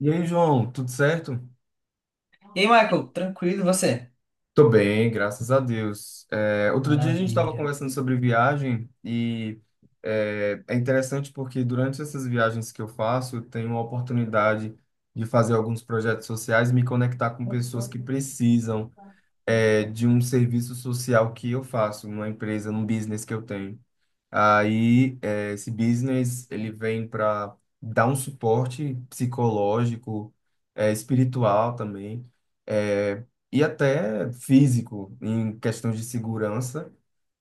E aí, João, tudo certo? E aí, Michael, tranquilo, e você? Tô bem, graças a Deus. Outro dia a gente estava Maravilha. conversando sobre viagem e é interessante porque durante essas viagens que eu faço, eu tenho a oportunidade de fazer alguns projetos sociais e me conectar com pessoas que precisam. É, de um serviço social que eu faço, numa empresa, num business que eu tenho. Aí, esse business, ele vem para dar um suporte psicológico, espiritual também, eh, e até físico, em questões de segurança,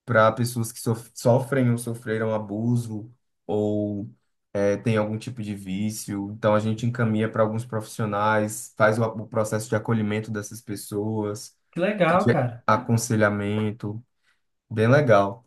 para pessoas que sofrem ou sofreram abuso ou têm algum tipo de vício. Então, a gente encaminha para alguns profissionais, faz o processo de acolhimento dessas pessoas, Que legal, cara. aconselhamento, bem legal.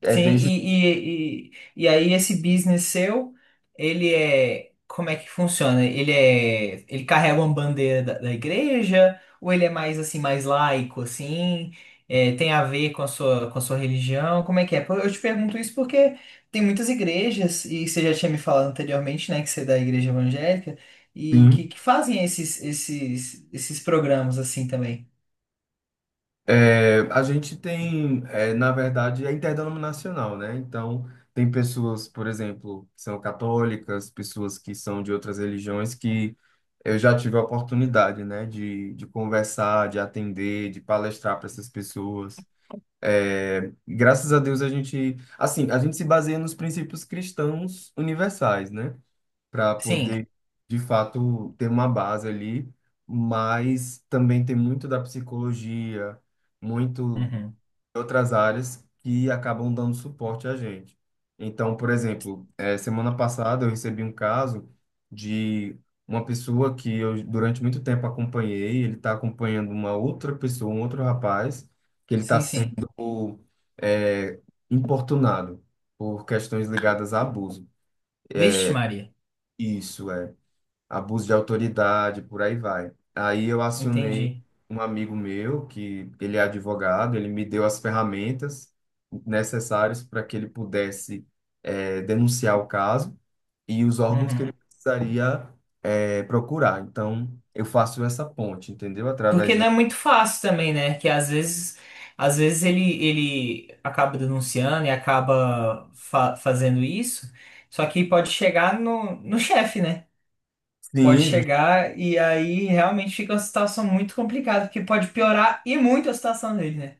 É Sim, desde. e aí esse business seu, como é que funciona? Ele carrega uma bandeira da igreja, ou ele é mais assim, mais laico, assim? É, tem a ver com a sua religião? Como é que é? Pô, eu te pergunto isso porque tem muitas igrejas, e você já tinha me falado anteriormente, né, que você é da igreja evangélica, e Sim. que fazem esses programas assim também. É, a gente tem, é, na verdade, é interdenominacional, né? Então, tem pessoas, por exemplo, que são católicas, pessoas que são de outras religiões que eu já tive a oportunidade, né, de conversar, de atender, de palestrar para essas pessoas. É, graças a Deus a gente, assim, a gente se baseia nos princípios cristãos universais, né? Para Sim. poder, de fato, ter uma base ali, mas também tem muito da psicologia, muito Uhum. de outras áreas que acabam dando suporte a gente. Então, por exemplo, semana passada eu recebi um caso de uma pessoa que eu durante muito tempo acompanhei, ele está acompanhando uma outra pessoa, um outro rapaz, que ele está Sim, sim. sendo eh, importunado por questões ligadas a abuso. Vixe, Maria. Isso, é abuso de autoridade, por aí vai. Aí eu acionei Entendi. um amigo meu, que ele é advogado, ele me deu as ferramentas necessárias para que ele pudesse denunciar o caso e os órgãos que ele Uhum. precisaria procurar. Então, eu faço essa ponte, entendeu? Porque Através de... não é muito fácil também, né? Que às vezes ele acaba denunciando e acaba fazendo isso. Só que pode chegar no chefe, né? Pode Sim. chegar e aí realmente fica uma situação muito complicada, que pode piorar e muito a situação dele, né?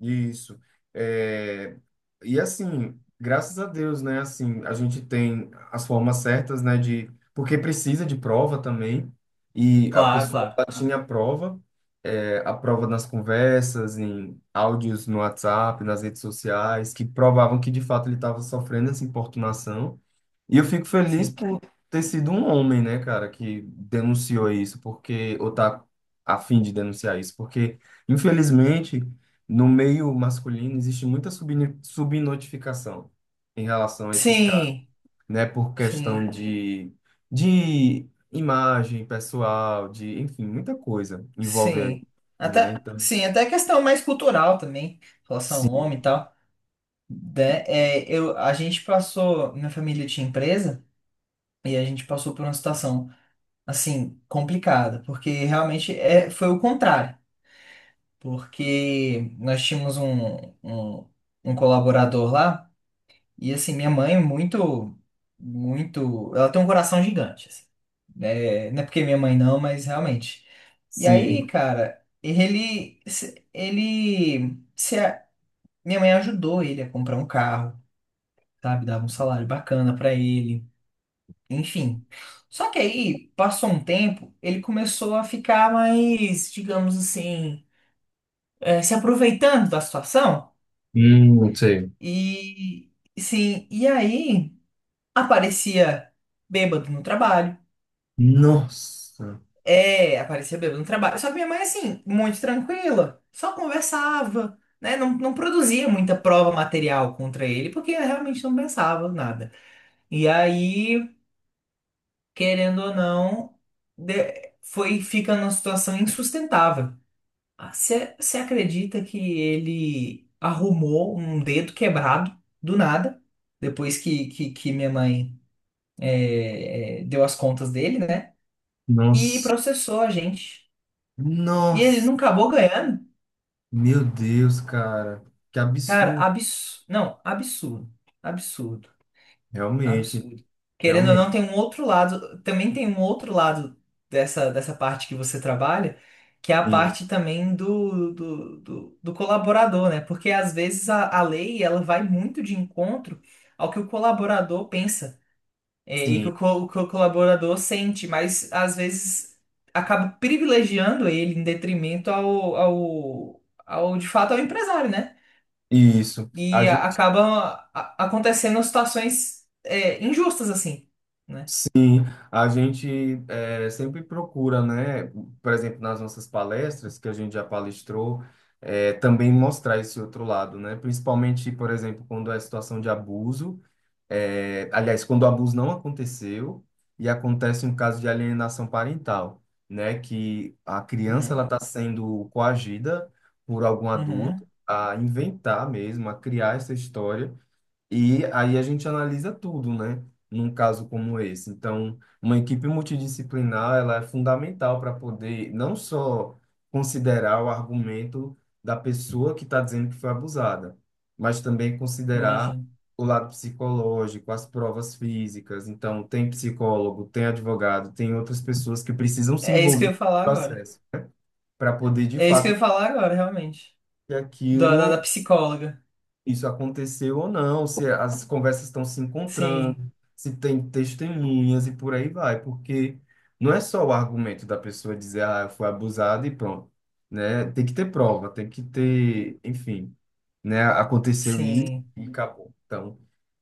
Isso. É, e assim, graças a Deus, né? Assim, a gente tem as formas certas, né? De, porque precisa de prova também. E a Claro, pessoa ela claro. tinha a prova, é, a prova nas conversas, em áudios no WhatsApp, nas redes sociais, que provavam que de fato ele estava sofrendo essa importunação. E eu fico feliz Sim. por ter sido um homem, né, cara, que denunciou isso, porque, ou tá a fim de denunciar isso, porque, infelizmente, no meio masculino existe muita subnotificação em relação a esses caras, Sim, né, por questão sim, de imagem pessoal, de, enfim, muita coisa envolve aí, sim. né, Até, então, sim, até questão mais cultural também, relação ao sim, homem e tal. De- É, eu, a gente passou, minha família tinha empresa e a gente passou por uma situação assim complicada, porque realmente é, foi o contrário, porque nós tínhamos um colaborador lá e assim minha mãe é muito muito, ela tem um coração gigante, assim, né? Não é porque minha mãe não, mas realmente. E aí, sim, cara, ele se, minha mãe ajudou ele a comprar um carro, sabe? Dava um salário bacana pra ele, enfim. Só que aí, passou um tempo, ele começou a ficar mais, digamos assim, se aproveitando da situação. Sei. E, sim, e aí aparecia bêbado no trabalho. Nossa, É, aparecia bêbado no trabalho. Só que minha mãe, assim, muito tranquila, só conversava. Né? Não, não produzia muita prova material contra ele, porque ela realmente não pensava nada. E aí querendo ou não, foi fica numa situação insustentável. Ah, você acredita que ele arrumou um dedo quebrado do nada, depois que minha mãe deu as contas dele, né? E nossa, processou a gente. E ele nossa. não acabou ganhando? Meu Deus, cara, que Cara, absurdo. absurdo. Não, absurdo. Absurdo. Realmente, Absurdo. Querendo ou realmente. não, tem um outro lado, também tem um outro lado dessa, dessa parte que você trabalha, que é a Sim, parte também do colaborador, né? Porque às vezes a lei ela vai muito de encontro ao que o colaborador pensa, é, e que sim, o que o colaborador sente, mas às vezes acaba privilegiando ele em detrimento ao de fato ao empresário, né? isso. A E gente, acaba acontecendo situações é, injustas assim, né? sim, a gente é, sempre procura, né? Por exemplo, nas nossas palestras, que a gente já palestrou, é, também mostrar esse outro lado, né? Principalmente, por exemplo, quando é situação de abuso. É, aliás, quando o abuso não aconteceu e acontece um caso de alienação parental, né, que a criança Uhum, ela está sendo coagida por algum adulto uhum, a inventar mesmo, a criar essa história e aí a gente analisa tudo, né? Num caso como esse. Então, uma equipe multidisciplinar, ela é fundamental para poder não só considerar o argumento da pessoa que está dizendo que foi abusada, mas também considerar imagino. o lado psicológico, as provas físicas. Então, tem psicólogo, tem advogado, tem outras pessoas que precisam se É isso que envolver eu no ia falar agora. processo para poder, de É isso que eu fato, ia falar agora, realmente. que Da aquilo psicóloga. isso aconteceu ou não, se as conversas estão se Sim, encontrando, se tem testemunhas e por aí vai, porque não é só o argumento da pessoa dizer, ah, eu fui abusada e pronto, né? Tem que ter prova, tem que ter, enfim, né? Aconteceu sim, e acabou. Então,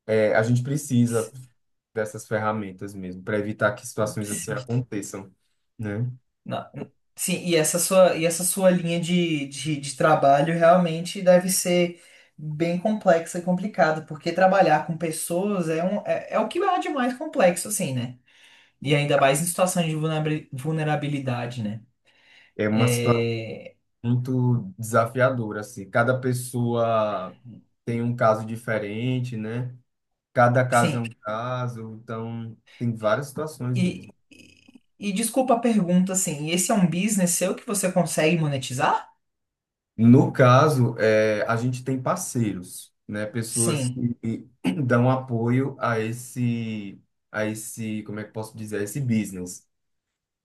é, a gente precisa sim, dessas ferramentas mesmo para evitar que situações assim sim. aconteçam, né? Na- sim, e essa sua linha de trabalho realmente deve ser bem complexa e complicada, porque trabalhar com pessoas é, um, é, é o que há de mais complexo, assim, né? E ainda mais em situações de vulnerabilidade, né? É uma situação É, muito desafiadora, assim. Cada pessoa tem um caso diferente, né? Cada caso é sim, um caso, então tem várias situações mesmo. e, e, e desculpa a pergunta, assim, esse é um business seu que você consegue monetizar? No caso, é, a gente tem parceiros, né? Pessoas Sim, que dão apoio a esse, como é que posso dizer, a esse business.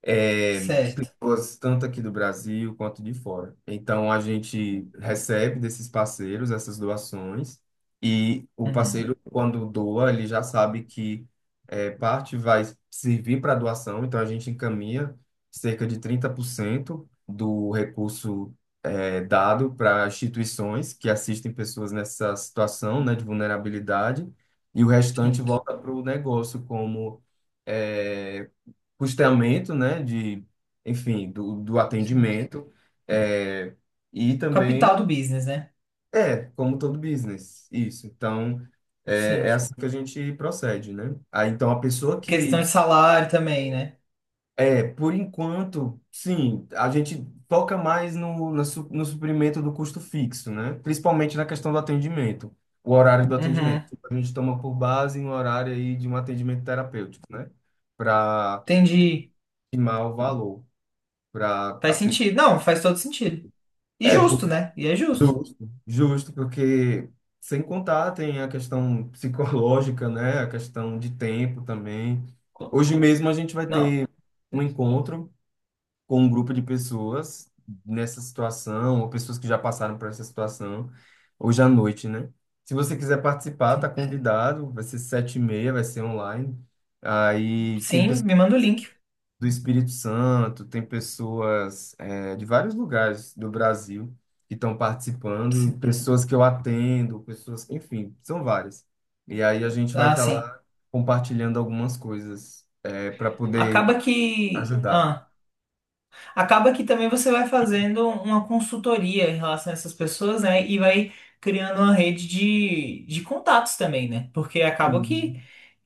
É, certo. pessoas, tanto aqui do Brasil quanto de fora. Então, a gente recebe desses parceiros essas doações e o Uhum, parceiro, quando doa, ele já sabe que parte vai servir para doação, então a gente encaminha cerca de 30% do recurso dado para instituições que assistem pessoas nessa situação, né, de vulnerabilidade, e o restante sim, volta para o negócio como é, custeamento, né, de, enfim, do sim. atendimento, é, e também, Capital do business, né? é, como todo business, isso. Então, é, é Sim. assim que a gente procede, né? Aí, então, a pessoa que, Questão de salário também, né? é, por enquanto, sim, a gente foca mais no, na no, suprimento do custo fixo, né? Principalmente na questão do atendimento, o horário do atendimento. Uhum, Tipo, a gente toma por base um horário aí de um atendimento terapêutico, né? Para entendi. estimar o valor para a Faz pessoa. sentido. Não, faz todo sentido. E É, justo, né? E é justo. justo, justo, porque sem contar tem a questão psicológica, né? A questão de tempo também. Co- Hoje mesmo a gente vai Não, ter um encontro com um grupo de pessoas nessa situação, ou pessoas que já passaram por essa situação, hoje à noite, né? Se você quiser participar, tá sim. convidado, vai ser 7h30, vai ser online. Aí tem Sim, pessoas me manda o link. do Espírito Santo, tem pessoas é, de vários lugares do Brasil que estão participando, e Sim. pessoas que eu atendo, pessoas, enfim, são várias. E aí a gente vai Ah, estar sim. lá compartilhando algumas coisas é, para poder Acaba que. ajudar. Ah. Acaba que também você vai fazendo uma consultoria em relação a essas pessoas, né? E vai criando uma rede de contatos também, né? Porque acaba que,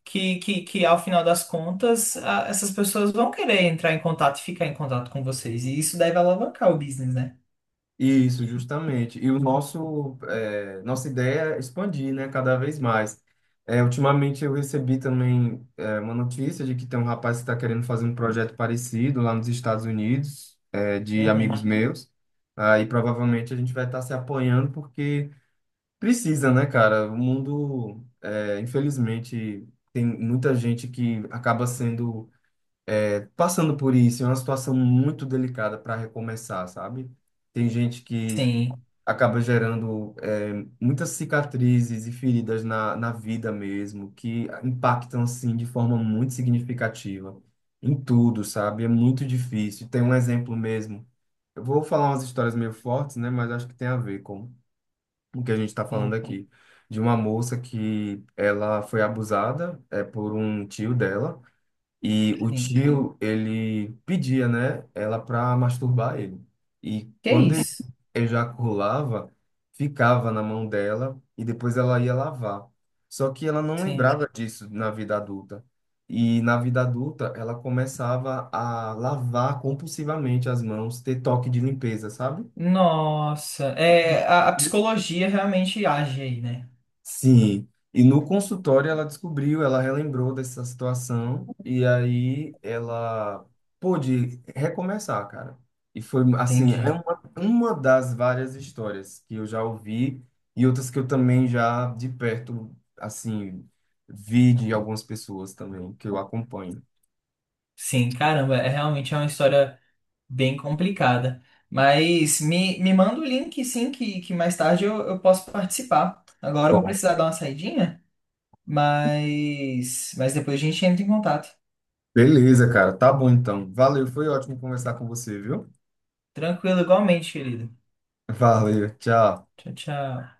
que, que, que ao final das contas, essas pessoas vão querer entrar em contato e ficar em contato com vocês. E isso deve alavancar o business, né? Isso, justamente. E o nosso, eh, nossa ideia é expandir, né, cada vez mais. Ultimamente eu recebi também, uma notícia de que tem um rapaz que está querendo fazer um projeto parecido lá nos Estados Unidos, de amigos Uhum. meus. Aí provavelmente a gente vai estar se apoiando porque precisa, né, cara? O mundo, infelizmente, tem muita gente que acaba sendo, passando por isso. É uma situação muito delicada para recomeçar, sabe? Tem gente que Sim, acaba gerando muitas cicatrizes e feridas na, na vida mesmo, que impactam assim de forma muito significativa em tudo, sabe? É muito difícil. Tem um exemplo mesmo. Eu vou falar umas histórias meio fortes, né? Mas acho que tem a ver com o que a gente está falando sim, aqui. De uma moça que ela foi abusada por um tio dela. E o sim. tio, ele pedia, né, ela pra masturbar ele. E Que é quando ele isso? ejaculava, ficava na mão dela e depois ela ia lavar. Só que ela não Sim. lembrava disso na vida adulta. E na vida adulta, ela começava a lavar compulsivamente as mãos, ter toque de limpeza, sabe? Nossa, é, a psicologia realmente age aí, né? Sim, e no consultório ela descobriu, ela relembrou dessa situação e aí ela pôde recomeçar, cara. E foi assim, é Entendi. Uma das várias histórias que eu já ouvi e outras que eu também já de perto, assim, vi de algumas pessoas também que eu acompanho. Sim, caramba, é realmente é uma história bem complicada. Mas me manda o link, sim, que mais tarde eu posso participar. Agora eu vou Bom, precisar dar uma saidinha, mas depois a gente entra em contato. beleza, cara, tá bom então. Valeu, foi ótimo conversar com você, viu? Tranquilo, igualmente, querido. Valeu, tchau. Tchau, tchau.